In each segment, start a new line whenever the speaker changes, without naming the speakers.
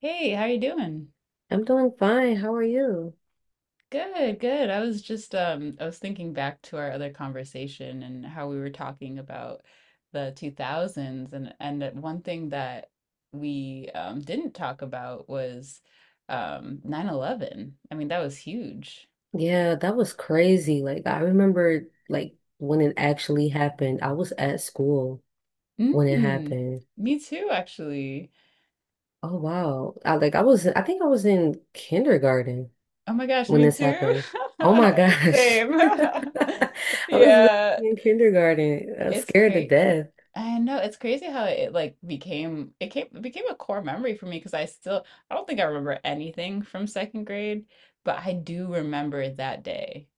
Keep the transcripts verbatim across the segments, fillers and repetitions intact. Hey, how you doing?
I'm doing fine. How are you?
Good, good. I was just um I was thinking back to our other conversation and how we were talking about the two thousands and and that one thing that we um didn't talk about was um nine eleven. I mean, that was huge.
Yeah, that was crazy. Like I remember like when it actually happened. I was at school when it
Mm,
happened.
me too, actually.
Oh wow. I like I was I think I was in kindergarten
Oh my gosh,
when
me
this
too.
happened. Oh my gosh.
Same.
I was literally
Yeah,
in kindergarten. I was
it's
scared to
crazy.
death.
I know it's crazy how it like became it came it became a core memory for me because I still I don't think I remember anything from second grade, but I do remember that day.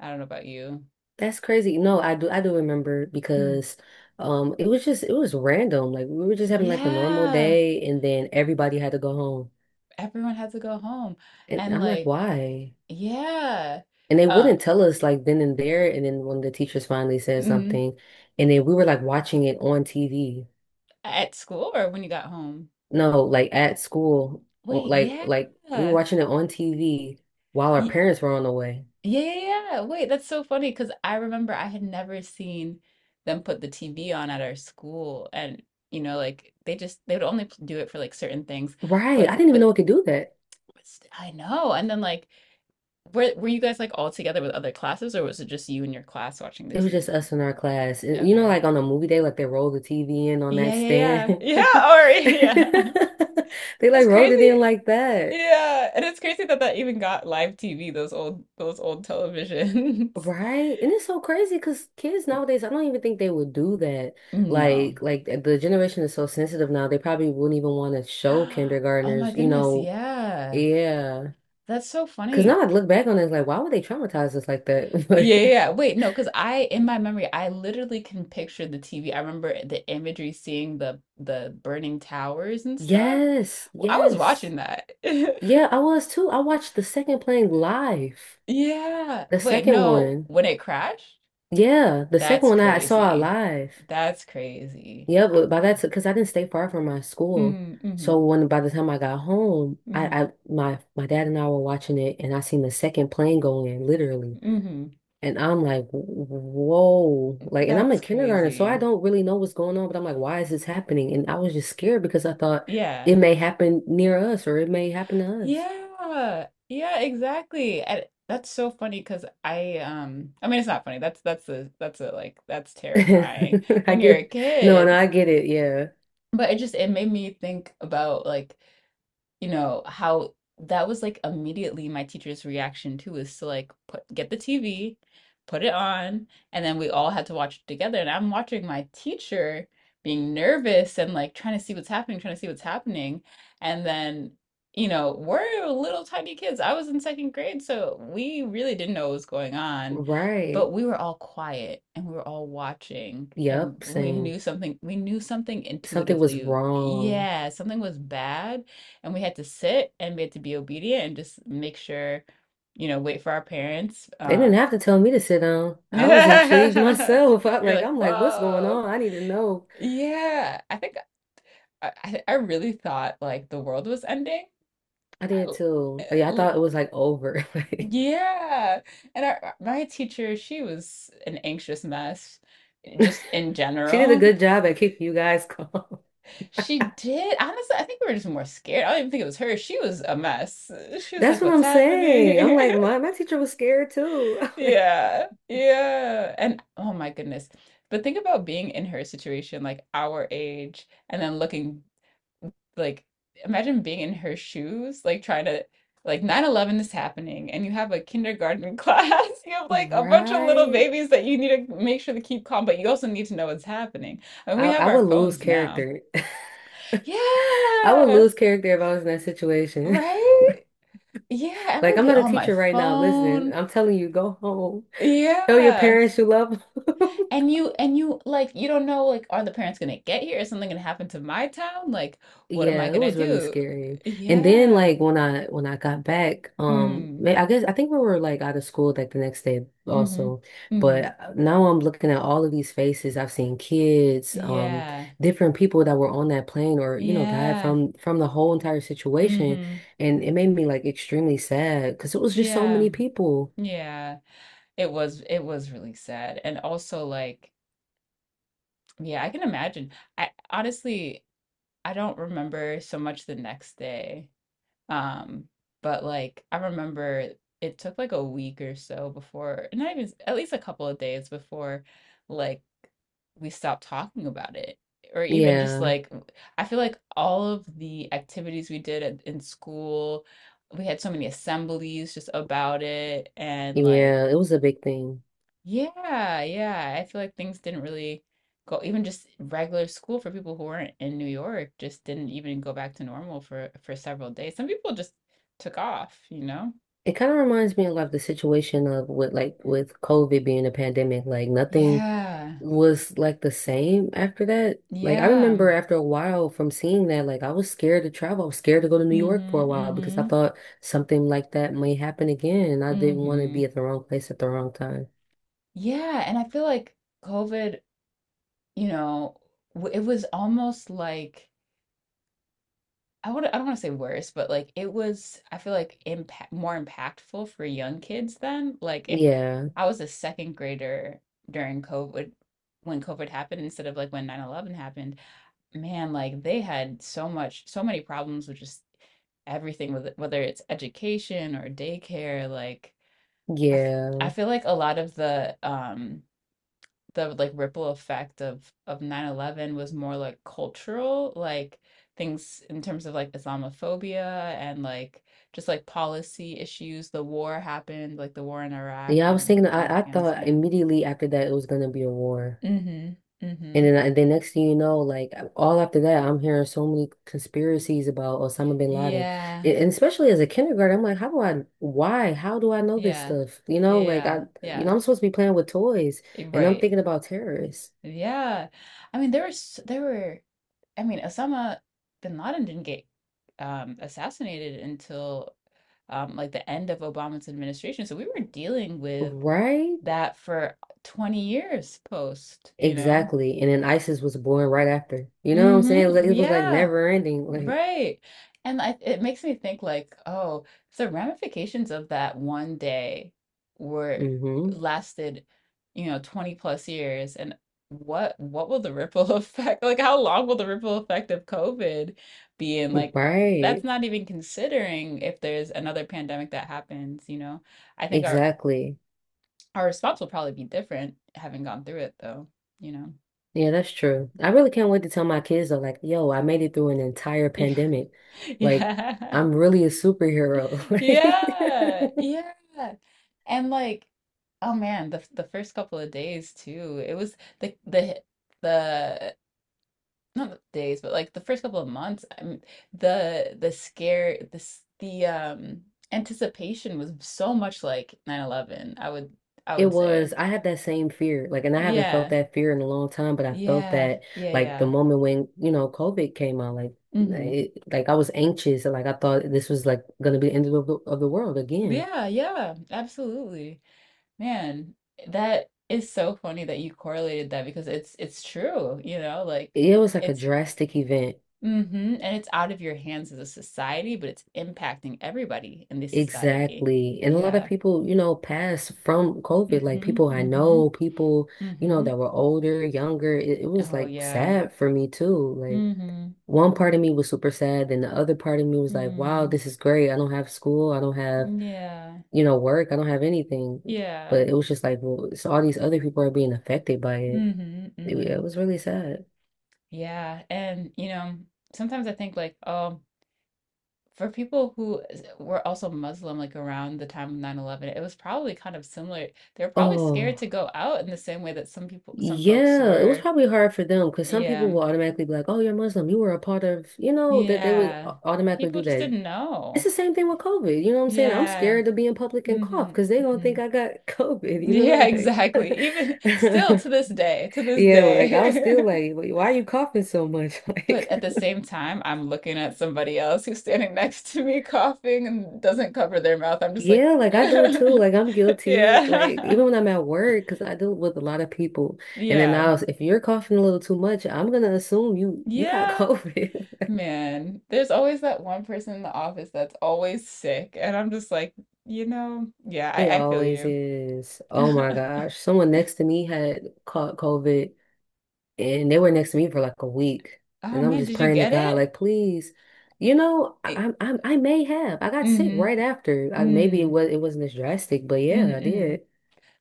I don't know about you.
That's crazy. No, I do I do remember
Mm.
because um it was just it was random. Like we were just having like a normal
Yeah,
day, and then everybody had to go home.
everyone had to go home,
And
and
I'm like,
like
why?
yeah,
And they
uh,
wouldn't tell us like then and there. And then when the teachers finally said
mm,
something, and then we were like watching it on T V.
at school or when you got home.
No, like at school, o-
Wait,
like like we were
yeah,
watching it on T V while our parents were on the way.
yeah, yeah, yeah. Wait, that's so funny because I remember I had never seen them put the T V on at our school, and you know, like they just they would only p- do it for like certain things.
Right. I
But
didn't even
but
know it could do that.
but st- I know. And then like, were were you guys like all together with other classes, or was it just you and your class watching the
It was just
T V?
us in our class. And, you know,
Okay.
like on a movie day, like they roll the T V in on
Yeah,
that
yeah, yeah,
stand.
yeah. Or yeah,
They
it's
like rolled it in
crazy.
like that.
Yeah, and it's crazy that that even got live T V. Those old those old televisions.
Right? And it's so crazy because kids nowadays, I don't even think they would do that.
No.
Like, like eh, the generation is so sensitive now, they probably wouldn't even want to show
Oh my
kindergartners, you
goodness,
know,
yeah.
yeah.
That's so
Because now
funny.
I look back on it, it's like, why would they traumatize us like that?
Yeah, yeah,
But
yeah. Wait, no, because I in my memory, I literally can picture the T V. I remember the imagery, seeing the the burning towers and stuff.
yes,
Well, I was
yes.
watching that.
Yeah, I was too. I watched the second playing live.
Yeah.
The
Wait,
second
no,
one.
when it crashed?
Yeah, the second
That's
one I saw
crazy.
live.
That's crazy.
Yeah, but by that, because I didn't stay far from my school,
Mm, mm-hmm,
so when by the time I got home, I,
mm-hmm,
I my my dad and I were watching it, and I seen the second plane go in, literally,
mm-hmm.
and I'm like, whoa, like, and I'm
That's
in kindergarten, so I
crazy.
don't really know what's going on, but I'm like, why is this happening? And I was just scared because I thought
Yeah.
it may happen near us or it may happen to us.
Yeah, yeah, exactly. And that's so funny because I um I mean it's not funny. That's that's a that's a like that's terrifying
I
when you're a
get, no, no,
kid.
I get it. Yeah,
But it just it made me think about like you know, how that was like immediately my teacher's reaction too is to like put get the T V, put it on, and then we all had to watch it together. And I'm watching my teacher being nervous and like trying to see what's happening, trying to see what's happening. And then, you know, we're little tiny kids. I was in second grade, so we really didn't know what was going on, but
right.
we were all quiet and we were all watching and
Yep,
we
same.
knew something, we knew something
Something was
intuitively.
wrong.
Yeah, something was bad and we had to sit and we had to be obedient and just make sure, you know, wait for our parents.
They didn't
Um,
have to tell me to sit down.
you're
I was intrigued myself. I, like
like,
I'm like, what's going
whoa,
on? I need to know.
yeah. I think I, I I really thought like the world was ending.
I
I
did
l- I
too. Oh, yeah, I
l-
thought it was like over. Like
yeah, and our, my teacher, she was an anxious mess, just in
she did a
general.
good job at keeping you guys calm.
She did. Honestly, I think we were just more scared. I don't even think it was her. She was a mess. She was
That's
like,
what
what's
I'm saying.
happening?
I'm like, my my teacher was scared too. I'm like,
Yeah, yeah. And oh my goodness. But think about being in her situation, like our age, and then looking like imagine being in her shoes, like trying to like nine eleven is happening and you have a kindergarten class. You have like a bunch of little
right?
babies that you need to make sure to keep calm, but you also need to know what's happening. I mean, we
I,
have
I
our
would lose
phones now.
character. I would
Yeah,
lose character if I was in that situation.
right? Yeah, I
Like
would
I'm
be
not a
on my
teacher right now. Listen,
phone.
I'm telling you, go home. Tell your
Yeah.
parents you love them.
And you and you like you don't know like are the parents gonna get here? Is something gonna happen to my town? Like what am I
Yeah, it
gonna
was really
do?
scary. And then
Yeah.
like when I when I got back, um
Mm.
ma- I guess I think we were like out of school like the next day
Mm-hmm.
also.
Mm.
But now I'm looking at all of these faces. I've seen kids, um
Yeah.
different people that were on that plane or, you know, died
Yeah.
from from the whole entire situation,
Mm-hmm.
and it made me like extremely sad because it was just so
Yeah.
many people.
Yeah. It was it was really sad. And also like yeah, I can imagine. I honestly I don't remember so much the next day. Um, but like I remember it took like a week or so before, not even at least a couple of days before like we stopped talking about it. Or even just
Yeah.
like I feel like all of the activities we did at, in school, we had so many assemblies just about it and like
Yeah, it was a big thing.
yeah, yeah. I feel like things didn't really go, even just regular school for people who weren't in New York just didn't even go back to normal for for several days. Some people just took off, you know?
It kind of reminds me of like the situation of with like with COVID being a pandemic, like nothing
Yeah.
was like the same after that. Like I
Yeah.
remember after a while from seeing that, like I was scared to travel. I was scared to go to New York for
Mm-hmm.
a while because I
Mm-hmm.
thought something like that may happen again, and I didn't want to
Mm-hmm.
be at the wrong place at the wrong time.
Yeah, and I feel like COVID, you know, w- it was almost like I would I don't want to say worse, but like it was I feel like impact more impactful for young kids then. Like if
Yeah,
I was a second grader during COVID when COVID happened instead of like when nine eleven happened, man, like they had so much so many problems with just everything with it- whether it's education or daycare, like I f I
yeah,
feel like a lot of the um the like ripple effect of of nine eleven was more like cultural, like things in terms of like Islamophobia and like just like policy issues. The war happened, like the war in Iraq
yeah. I was
and
thinking,
and
I, I thought
Afghanistan.
immediately after that it was gonna be a war.
Mm-hmm.
And
Mm-hmm.
then I, the next thing you know, like all after that, I'm hearing so many conspiracies about Osama bin Laden.
Yeah.
A- And especially as a kindergarten, I'm like, how do I, why, how do I know this
Yeah.
stuff? You know, like
Yeah.
I, you know,
Yeah.
I'm supposed to be playing with toys and I'm
Right.
thinking about terrorists,
Yeah. I mean, there was there were I mean, Osama bin Laden didn't get um, assassinated until um, like the end of Obama's administration. So we were dealing with
right?
that for twenty years post, you know?
Exactly. And then ISIS was born right after. You know what I'm saying? Like,
Mm-hmm.
it was like
Yeah.
never ending. Like,
Right. And I, it makes me think like, oh, the ramifications of that one day were
mm-hmm.
lasted, you know, twenty plus years. And what what will the ripple effect, like how long will the ripple effect of COVID be? And like that's
Right.
not even considering if there's another pandemic that happens, you know. I think our
Exactly.
our response will probably be different having gone through it though, you know.
Yeah, that's true. I really can't wait to tell my kids though, like, yo, I made it through an entire
Yeah.
pandemic. Like,
Yeah.
I'm really a superhero.
Yeah,
Like,
yeah. And like, oh man, the the first couple of days too. It was the the the not the days, but like the first couple of months, I mean, the the scare this the s- the, um anticipation was so much like nine eleven. I would I
it
would say.
was, I had that same fear. Like, and I haven't felt
Yeah.
that fear in a long time, but I felt
Yeah.
that
Yeah,
like the
yeah.
moment when, you know, COVID came out, like
Mm-hmm.
it, like I was anxious and like I thought this was like gonna be the end of the, of the world again.
Yeah, yeah, absolutely. Man, that is so funny that you correlated that because it's it's true, you know, like
It was like a
it's
drastic event.
mm-hmm, and it's out of your hands as a society, but it's impacting everybody in this society.
Exactly. And a lot of
Yeah.
people, you know, passed from COVID. Like
Mm-hmm.
people I
Mm-hmm.
know, people, you know,
Mm-hmm.
that were older, younger. It, it was
Oh
like
yeah.
sad for me too. Like
Mm-hmm.
one part of me was super sad, and the other part of me was like, wow,
Mm-hmm.
this is great. I don't have school. I don't have,
Yeah.
you know, work. I don't have anything.
Yeah.
But it was just like, well, so all these other people are being affected by it.
Mm-hmm.
It,
Mm-hmm.
it was really sad.
Yeah. And you know, sometimes I think like, oh, for people who were also Muslim, like around the time of nine eleven, it was probably kind of similar. They were probably scared
Oh.
to go out in the same way that some people, some folks
Yeah, it was
were.
probably hard for them because some people
Yeah.
will automatically be like, "Oh, you're Muslim. You were a part of," you know, that they would
Yeah.
au- automatically
People
do
just
that.
didn't
It's
know.
the same thing with COVID. You know what I'm saying? I'm
Yeah.
scared to be in public and cough
Mm-hmm.
because they gonna
Mm-hmm.
think I got COVID. You know,
Yeah, exactly.
like
Even still to this day, to this
yeah, like I was
day.
still like, "Why why are you coughing so much?"
But
Like
at the same time, I'm looking at somebody else who's standing next to me coughing and doesn't cover their mouth. I'm just like,
yeah, like I do it
yeah,
too. Like I'm guilty. Like
yeah.
even when I'm at work, because I deal with a lot of people, and then
Yeah,
I was, if you're coughing a little too much, I'm gonna assume you you got
yeah,
COVID.
man. There's always that one person in the office that's always sick, and I'm just like, you know, yeah,
It
I, I feel
always
you.
is. Oh my gosh. Someone next to me had caught COVID and they were next to me for like a week.
Oh
And I'm
man,
just
did you
praying to
get
God,
it?
like, please, you know,
I,
I, I, I may have. I got sick right
mm-hmm.
after. I, maybe it
Mm,
was it wasn't as drastic, but yeah, I
mm-hmm, mm
did.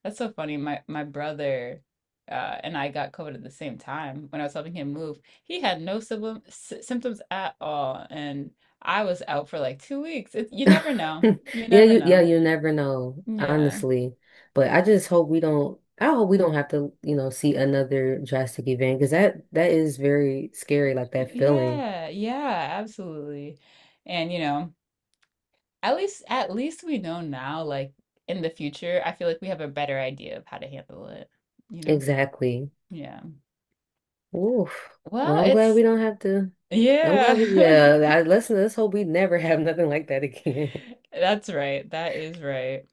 That's so funny. My my brother uh, and I got COVID at the same time when I was helping him move. He had no symptom, s symptoms at all, and I was out for like two weeks. It, you never know. You
Yeah,
never
you yeah,
know.
you never know,
Yeah.
honestly. But I just hope we don't, I hope we don't have to, you know, see another drastic event because that that is very scary, like that feeling.
Yeah, yeah, absolutely. And you know, at least at least we know now, like in the future, I feel like we have a better idea of how to handle it, you know?
Exactly.
Yeah.
Oof.
Well,
Well, I'm glad
it's
we don't have to. I'm
yeah.
glad we, yeah, I, let's, let's hope we never have nothing like that again.
That's right. That is right.